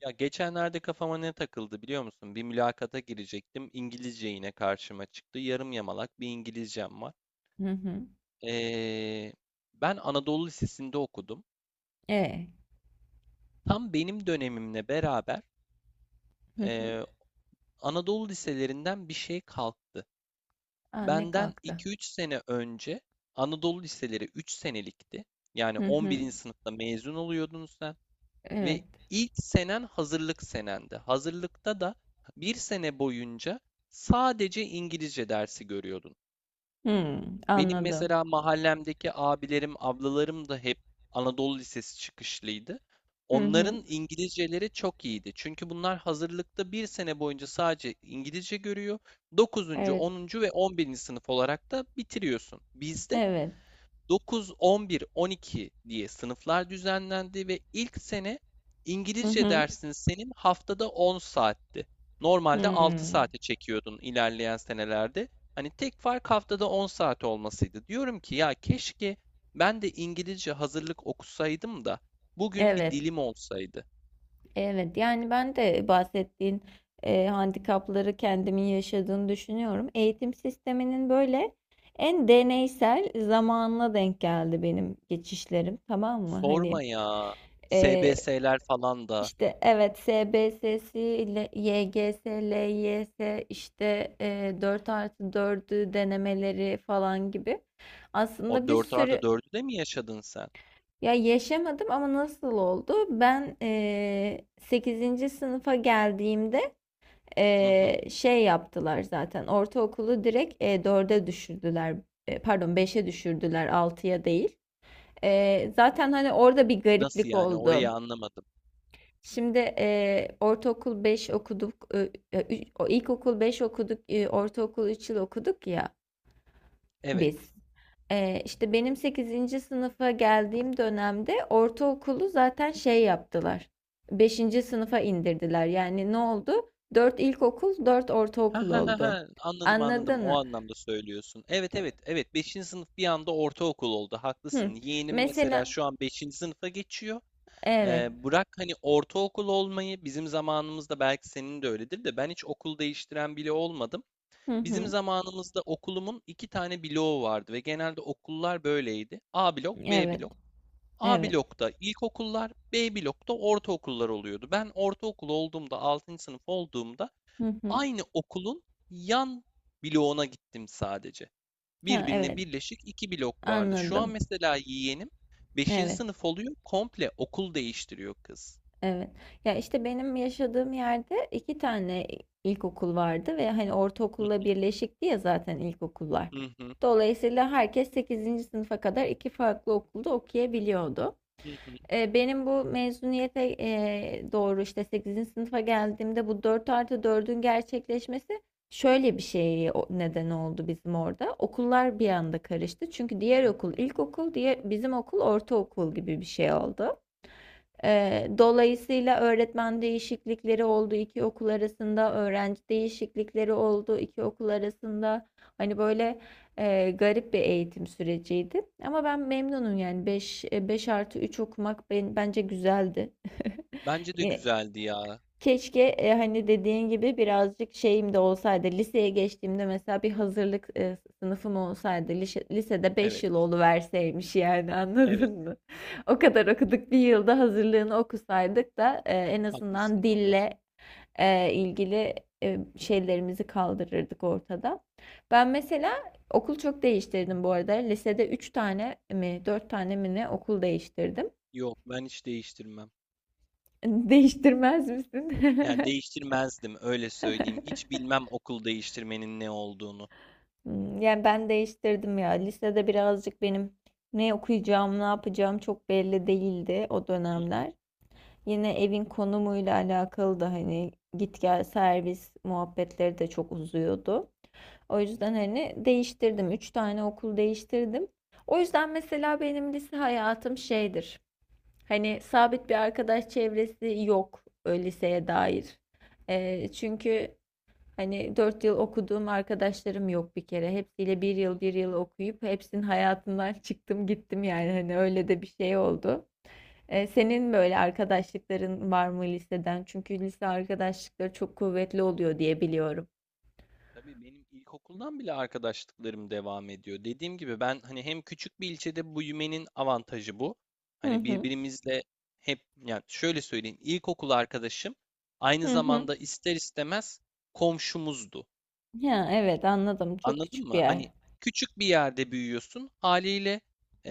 Ya geçenlerde kafama ne takıldı biliyor musun? Bir mülakata girecektim. İngilizce yine karşıma çıktı. Yarım yamalak bir İngilizcem var. Hı hı. Ee, ben Anadolu Lisesi'nde okudum. E. Tam benim dönemimle beraber Hı hı. ee, Anadolu liselerinden bir şey kalktı. A, ne Benden kalktı? iki üç sene önce Anadolu liseleri 3 senelikti. Yani Hı hı. 11. sınıfta mezun oluyordunuz. Ve Evet. ilk senen hazırlık senendi. Hazırlıkta da bir sene boyunca sadece İngilizce dersi görüyordun. Hı, Benim anladım. mesela mahallemdeki abilerim, ablalarım da hep Anadolu Lisesi çıkışlıydı. Hı hı. Onların İngilizceleri çok iyiydi. Çünkü bunlar hazırlıkta bir sene boyunca sadece İngilizce görüyor. 9. Evet. 10. ve 11. sınıf olarak da bitiriyorsun. Bizde Evet. 9, 11, 12 diye sınıflar düzenlendi ve ilk sene Hı İngilizce hı. dersin senin haftada 10 saatti. Hı. Normalde 6 saate çekiyordun ilerleyen senelerde. Hani tek fark haftada 10 saat olmasıydı. Diyorum ki ya keşke ben de İngilizce hazırlık okusaydım da bugün bir Evet. dilim olsaydı. Evet. Yani ben de bahsettiğin handikapları kendimin yaşadığını düşünüyorum. Eğitim sisteminin böyle en deneysel zamanına denk geldi benim geçişlerim. Tamam mı? Hani Sorma ya. e, SBS'ler falan da İşte evet SBS'si ile YGS, LYS işte 4 artı dördü denemeleri falan gibi. o Aslında bir dört artı sürü dördü de mi yaşadın sen? ya yaşamadım ama nasıl oldu? Ben 8. sınıfa geldiğimde Hı hı. Şey yaptılar zaten ortaokulu direkt 4'e düşürdüler. Pardon, beşe düşürdüler altıya değil. Zaten hani orada bir Nasıl gariplik yani? Orayı oldu. anlamadım. Şimdi ortaokul 5 okuduk, o ilkokul 5 okuduk, ortaokul 3 yıl okuduk ya Evet. biz. İşte benim sekizinci sınıfa geldiğim dönemde ortaokulu zaten şey yaptılar. Beşinci sınıfa indirdiler. Yani ne oldu? 4 ilkokul, 4 Ha ortaokul ha ha oldu. ha. Anladım anladım. Anladın O mı? anlamda söylüyorsun. Evet evet evet. Beşinci sınıf bir anda ortaokul oldu. Hı. Haklısın. Yeğenim mesela Mesela şu an beşinci sınıfa geçiyor. evet. Bırak hani ortaokul olmayı bizim zamanımızda belki senin de öyledir de ben hiç okul değiştiren bile olmadım. Hı Bizim hı. zamanımızda okulumun iki tane bloğu vardı ve genelde okullar böyleydi. A blok, B Evet. blok. A Evet. blokta ilkokullar, B blokta ortaokullar oluyordu. Ben ortaokul olduğumda, 6. sınıf olduğumda Hı hı. aynı okulun yan bloğuna gittim sadece. Ha, Birbirine evet. birleşik iki blok vardı. Şu an Anladım. mesela yeğenim beşinci Evet. sınıf oluyor, komple okul değiştiriyor kız. Evet. Ya işte benim yaşadığım yerde iki tane ilkokul vardı ve hani Hı ortaokulla hı, birleşikti ya zaten ilkokullar. hı hı, Dolayısıyla herkes sekizinci sınıfa kadar iki farklı okulda okuyabiliyordu. hı hı. Benim bu mezuniyete doğru işte sekizinci sınıfa geldiğimde bu 4 artı dördün gerçekleşmesi şöyle bir şey neden oldu bizim orada. Okullar bir anda karıştı. Çünkü diğer okul ilkokul, diye bizim okul ortaokul gibi bir şey oldu. Dolayısıyla öğretmen değişiklikleri oldu, 2 okul arasında öğrenci değişiklikleri oldu, 2 okul arasında. Hani, böyle, garip bir eğitim süreciydi ama ben memnunum yani beş artı üç okumak ben bence güzeldi. Bence de Eee, güzeldi ya. Keşke hani dediğin gibi birazcık şeyim de olsaydı. Liseye geçtiğimde mesela bir hazırlık sınıfım olsaydı. Lisede beş Evet, yıl oluverseymiş yani evet. anladın mı? O kadar okuduk bir yılda hazırlığını okusaydık da en azından Haklısın valla. dille ilgili şeylerimizi kaldırırdık ortada. Ben mesela okul çok değiştirdim bu arada. Lisede 3 tane mi 4 tane mi ne okul değiştirdim. Yok, ben hiç değiştirmem. Değiştirmez misin? Yani değiştirmezdim, öyle söyleyeyim. Hiç bilmem okul değiştirmenin ne olduğunu. Hmm, yani ben değiştirdim ya. Lisede birazcık benim ne okuyacağım, ne yapacağım çok belli değildi o Hı hı, dönemler. Yine evin konumuyla alakalı da hani git gel servis muhabbetleri de çok uzuyordu. O yüzden hani değiştirdim. Üç tane okul değiştirdim. O yüzden mesela benim lise hayatım şeydir. Hani sabit bir arkadaş çevresi yok liseye dair. Çünkü hani 4 yıl okuduğum arkadaşlarım yok bir kere. Hepsiyle bir hı yıl hı. bir yıl okuyup hepsinin hayatından çıktım gittim yani hani öyle de bir şey oldu. Senin böyle arkadaşlıkların var mı liseden? Çünkü lise arkadaşlıkları çok kuvvetli oluyor diye biliyorum. Tabii benim ilkokuldan bile arkadaşlıklarım devam ediyor. Dediğim gibi ben hani hem küçük bir ilçede büyümenin avantajı bu. Hı Hani hı. birbirimizle hep yani şöyle söyleyeyim ilkokul arkadaşım aynı Hı hı. zamanda ister istemez komşumuzdu. Ya evet, anladım. Çok Anladın küçük bir mı? Hani yer. küçük bir yerde büyüyorsun. Haliyle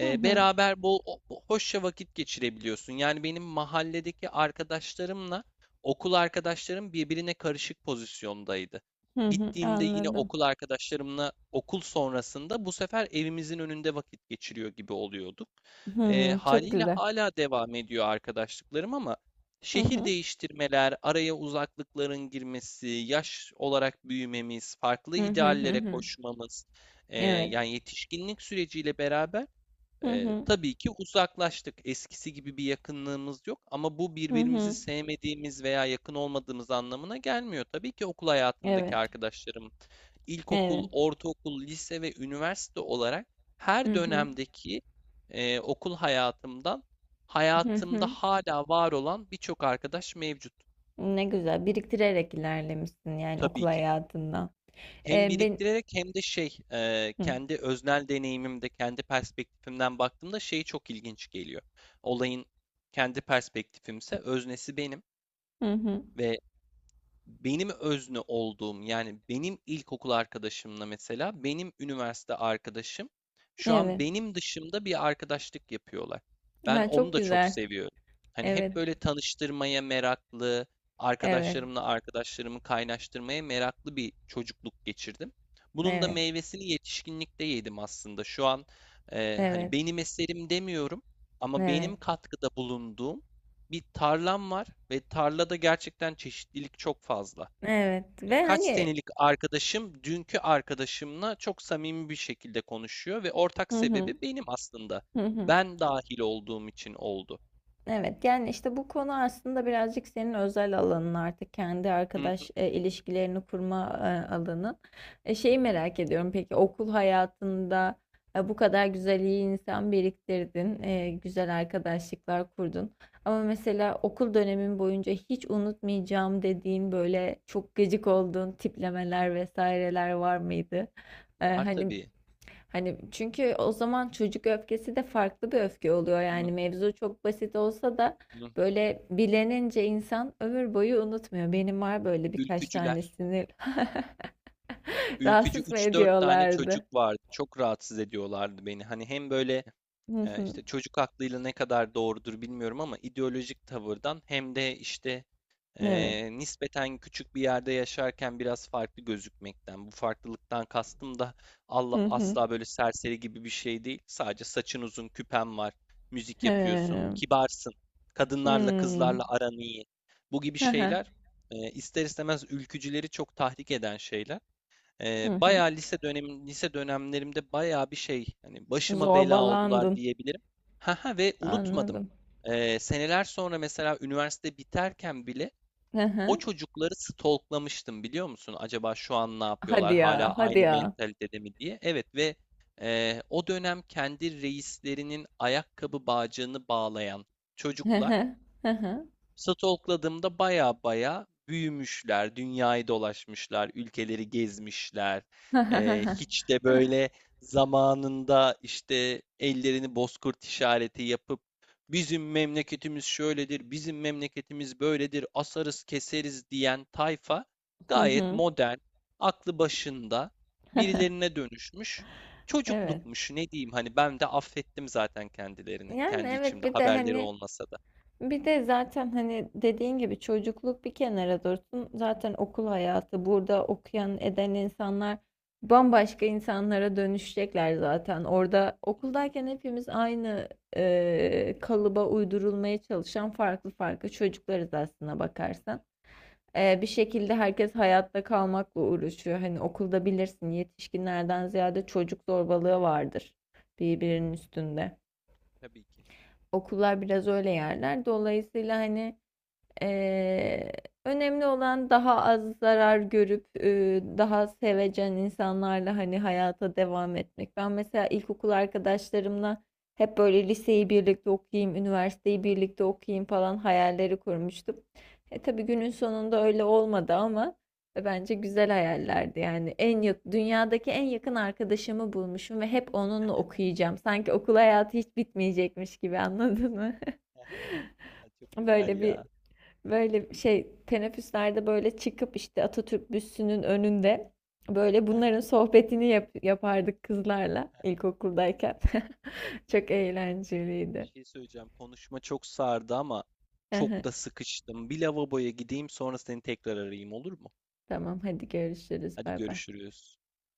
Hı hı. beraber bol hoşça vakit geçirebiliyorsun. Yani benim mahalledeki arkadaşlarımla okul arkadaşlarım birbirine karışık pozisyondaydı. Hı hı. Gittiğimde yine Anladım. okul arkadaşlarımla okul sonrasında bu sefer evimizin önünde vakit geçiriyor gibi oluyorduk. Hı E, hı. Çok haliyle güzel. hala devam ediyor arkadaşlıklarım, ama Hı şehir hı. değiştirmeler, araya uzaklıkların girmesi, yaş olarak büyümemiz, farklı Hı hı hı ideallere hı. koşmamız, Evet. yani yetişkinlik süreciyle beraber Hı hı. tabii ki uzaklaştık. Eskisi gibi bir yakınlığımız yok ama bu Hı birbirimizi hı. sevmediğimiz veya yakın olmadığımız anlamına gelmiyor. Tabii ki okul hayatındaki Evet. arkadaşlarım, ilkokul, Evet. ortaokul, lise ve üniversite olarak Hı her hı. dönemdeki e, okul hayatımdan Hı hayatımda hı. hala var olan birçok arkadaş mevcut, Ne güzel biriktirerek ilerlemişsin yani okul tabii ki. hayatında. Hem Ben. biriktirerek hem de Hı, kendi öznel deneyimimde, kendi perspektifimden baktığımda çok ilginç geliyor. Olayın kendi perspektifimse öznesi benim hı hı. ve benim özne olduğum yani benim ilkokul arkadaşımla mesela benim üniversite arkadaşım şu an Evet. benim dışımda bir arkadaşlık yapıyorlar. Ben Ha, onu çok da çok güzel. seviyorum. Hani hep Evet. böyle tanıştırmaya meraklı, Evet. arkadaşlarımla arkadaşlarımı kaynaştırmaya meraklı bir çocukluk geçirdim. Bunun da Evet. meyvesini yetişkinlikte yedim aslında. Şu an hani Evet. benim eserim demiyorum ama Evet. benim katkıda bulunduğum bir tarlam var ve tarlada gerçekten çeşitlilik çok fazla. Evet. Ya Ve kaç hani, senelik arkadaşım dünkü arkadaşımla çok samimi bir şekilde konuşuyor ve ortak hı hı. sebebi benim aslında. Hı hı. Ben dahil olduğum için oldu. Evet, yani işte bu konu aslında birazcık senin özel alanın artık kendi Hı hı, arkadaş ilişkilerini kurma alanı. Şeyi merak ediyorum peki okul hayatında bu kadar güzel iyi insan biriktirdin, güzel arkadaşlıklar kurdun. Ama mesela okul dönemin boyunca hiç unutmayacağım dediğin böyle çok gıcık olduğun tiplemeler vesaireler var mıydı? E, var hani tabii. Hani çünkü o zaman çocuk öfkesi de farklı bir öfke oluyor. Hı Yani mevzu çok basit olsa da hı. böyle bilenince insan ömür boyu unutmuyor. Benim var böyle birkaç Ülkücüler. tanesini. Ülkücü Rahatsız mı üç dört tane çocuk ediyorlardı? vardı. Çok rahatsız ediyorlardı beni. Hani hem böyle Hı hı. işte çocuk aklıyla ne kadar doğrudur bilmiyorum ama ideolojik tavırdan, hem de işte Evet. Nispeten küçük bir yerde yaşarken biraz farklı gözükmekten. Bu farklılıktan kastım da Allah, Hı hı. asla böyle serseri gibi bir şey değil. Sadece saçın uzun, küpen var, müzik yapıyorsun, He. kibarsın, kadınlarla Hmm. kızlarla aran iyi. Bu gibi Hı hı. şeyler ister istemez ülkücüleri çok tahrik eden şeyler. Hı hı. Bayağı lise dönem lise dönemlerimde bayağı bir şey hani başıma bela oldular Zorbalandın. diyebilirim. Ha ha ve unutmadım. Anladım. Seneler sonra mesela üniversite biterken bile Hı o hı. çocukları stalklamıştım biliyor musun? Acaba şu an ne Hadi yapıyorlar? Hala ya, hadi aynı ya. mentalitede mi diye. Evet ve o dönem kendi reislerinin ayakkabı bağcığını bağlayan Hı çocuklar, hı. Hı hı. stalkladığımda baya baya büyümüşler, dünyayı dolaşmışlar, ülkeleri gezmişler. Hı Ee, hı. hiç de böyle zamanında işte ellerini bozkurt işareti yapıp bizim memleketimiz şöyledir, bizim memleketimiz böyledir, asarız keseriz diyen tayfa Hı gayet hı. modern, aklı başında Hı hı. birilerine dönüşmüş. Evet. Çocuklukmuş ne diyeyim, hani ben de affettim zaten kendilerini, Yani kendi evet, içimde bir de haberleri hani olmasa da. bir de zaten hani dediğin gibi çocukluk bir kenara dursun. Zaten okul hayatı burada okuyan eden insanlar bambaşka insanlara dönüşecekler zaten. Orada Hı hı, okuldayken hepimiz aynı kalıba uydurulmaya çalışan farklı farklı çocuklarız aslına hı hı. bakarsan. Bir şekilde herkes hayatta kalmakla uğraşıyor. Hani okulda bilirsin yetişkinlerden ziyade çocuk zorbalığı vardır birbirinin üstünde. Tabii ki. Okullar biraz öyle yerler. Dolayısıyla hani, Eee, önemli olan daha az zarar görüp daha sevecen insanlarla hani hayata devam etmek. Ben mesela ilkokul arkadaşlarımla hep böyle liseyi birlikte okuyayım, üniversiteyi birlikte Hı, okuyayım falan hayalleri kurmuştum. Tabii günün sonunda öyle olmadı ama bence güzel hayallerdi. Yani dünyadaki en yakın arkadaşımı bulmuşum ve hep onunla okuyacağım. Sanki okul hayatı hiç bitmeyecekmiş gibi, anladın mı? he. Çok güzel Böyle bir ya. Böyle şey, teneffüslerde böyle çıkıp işte Atatürk büstünün önünde böyle He he. bunların sohbetini yapardık kızlarla ilkokuldayken. Çok Bir eğlenceliydi. şey söyleyeceğim. Konuşma çok sardı ama çok da sıkıştım. Bir lavaboya gideyim, sonra seni tekrar arayayım, olur mu? Tamam, hadi görüşürüz. Hadi Bay bay. görüşürüz.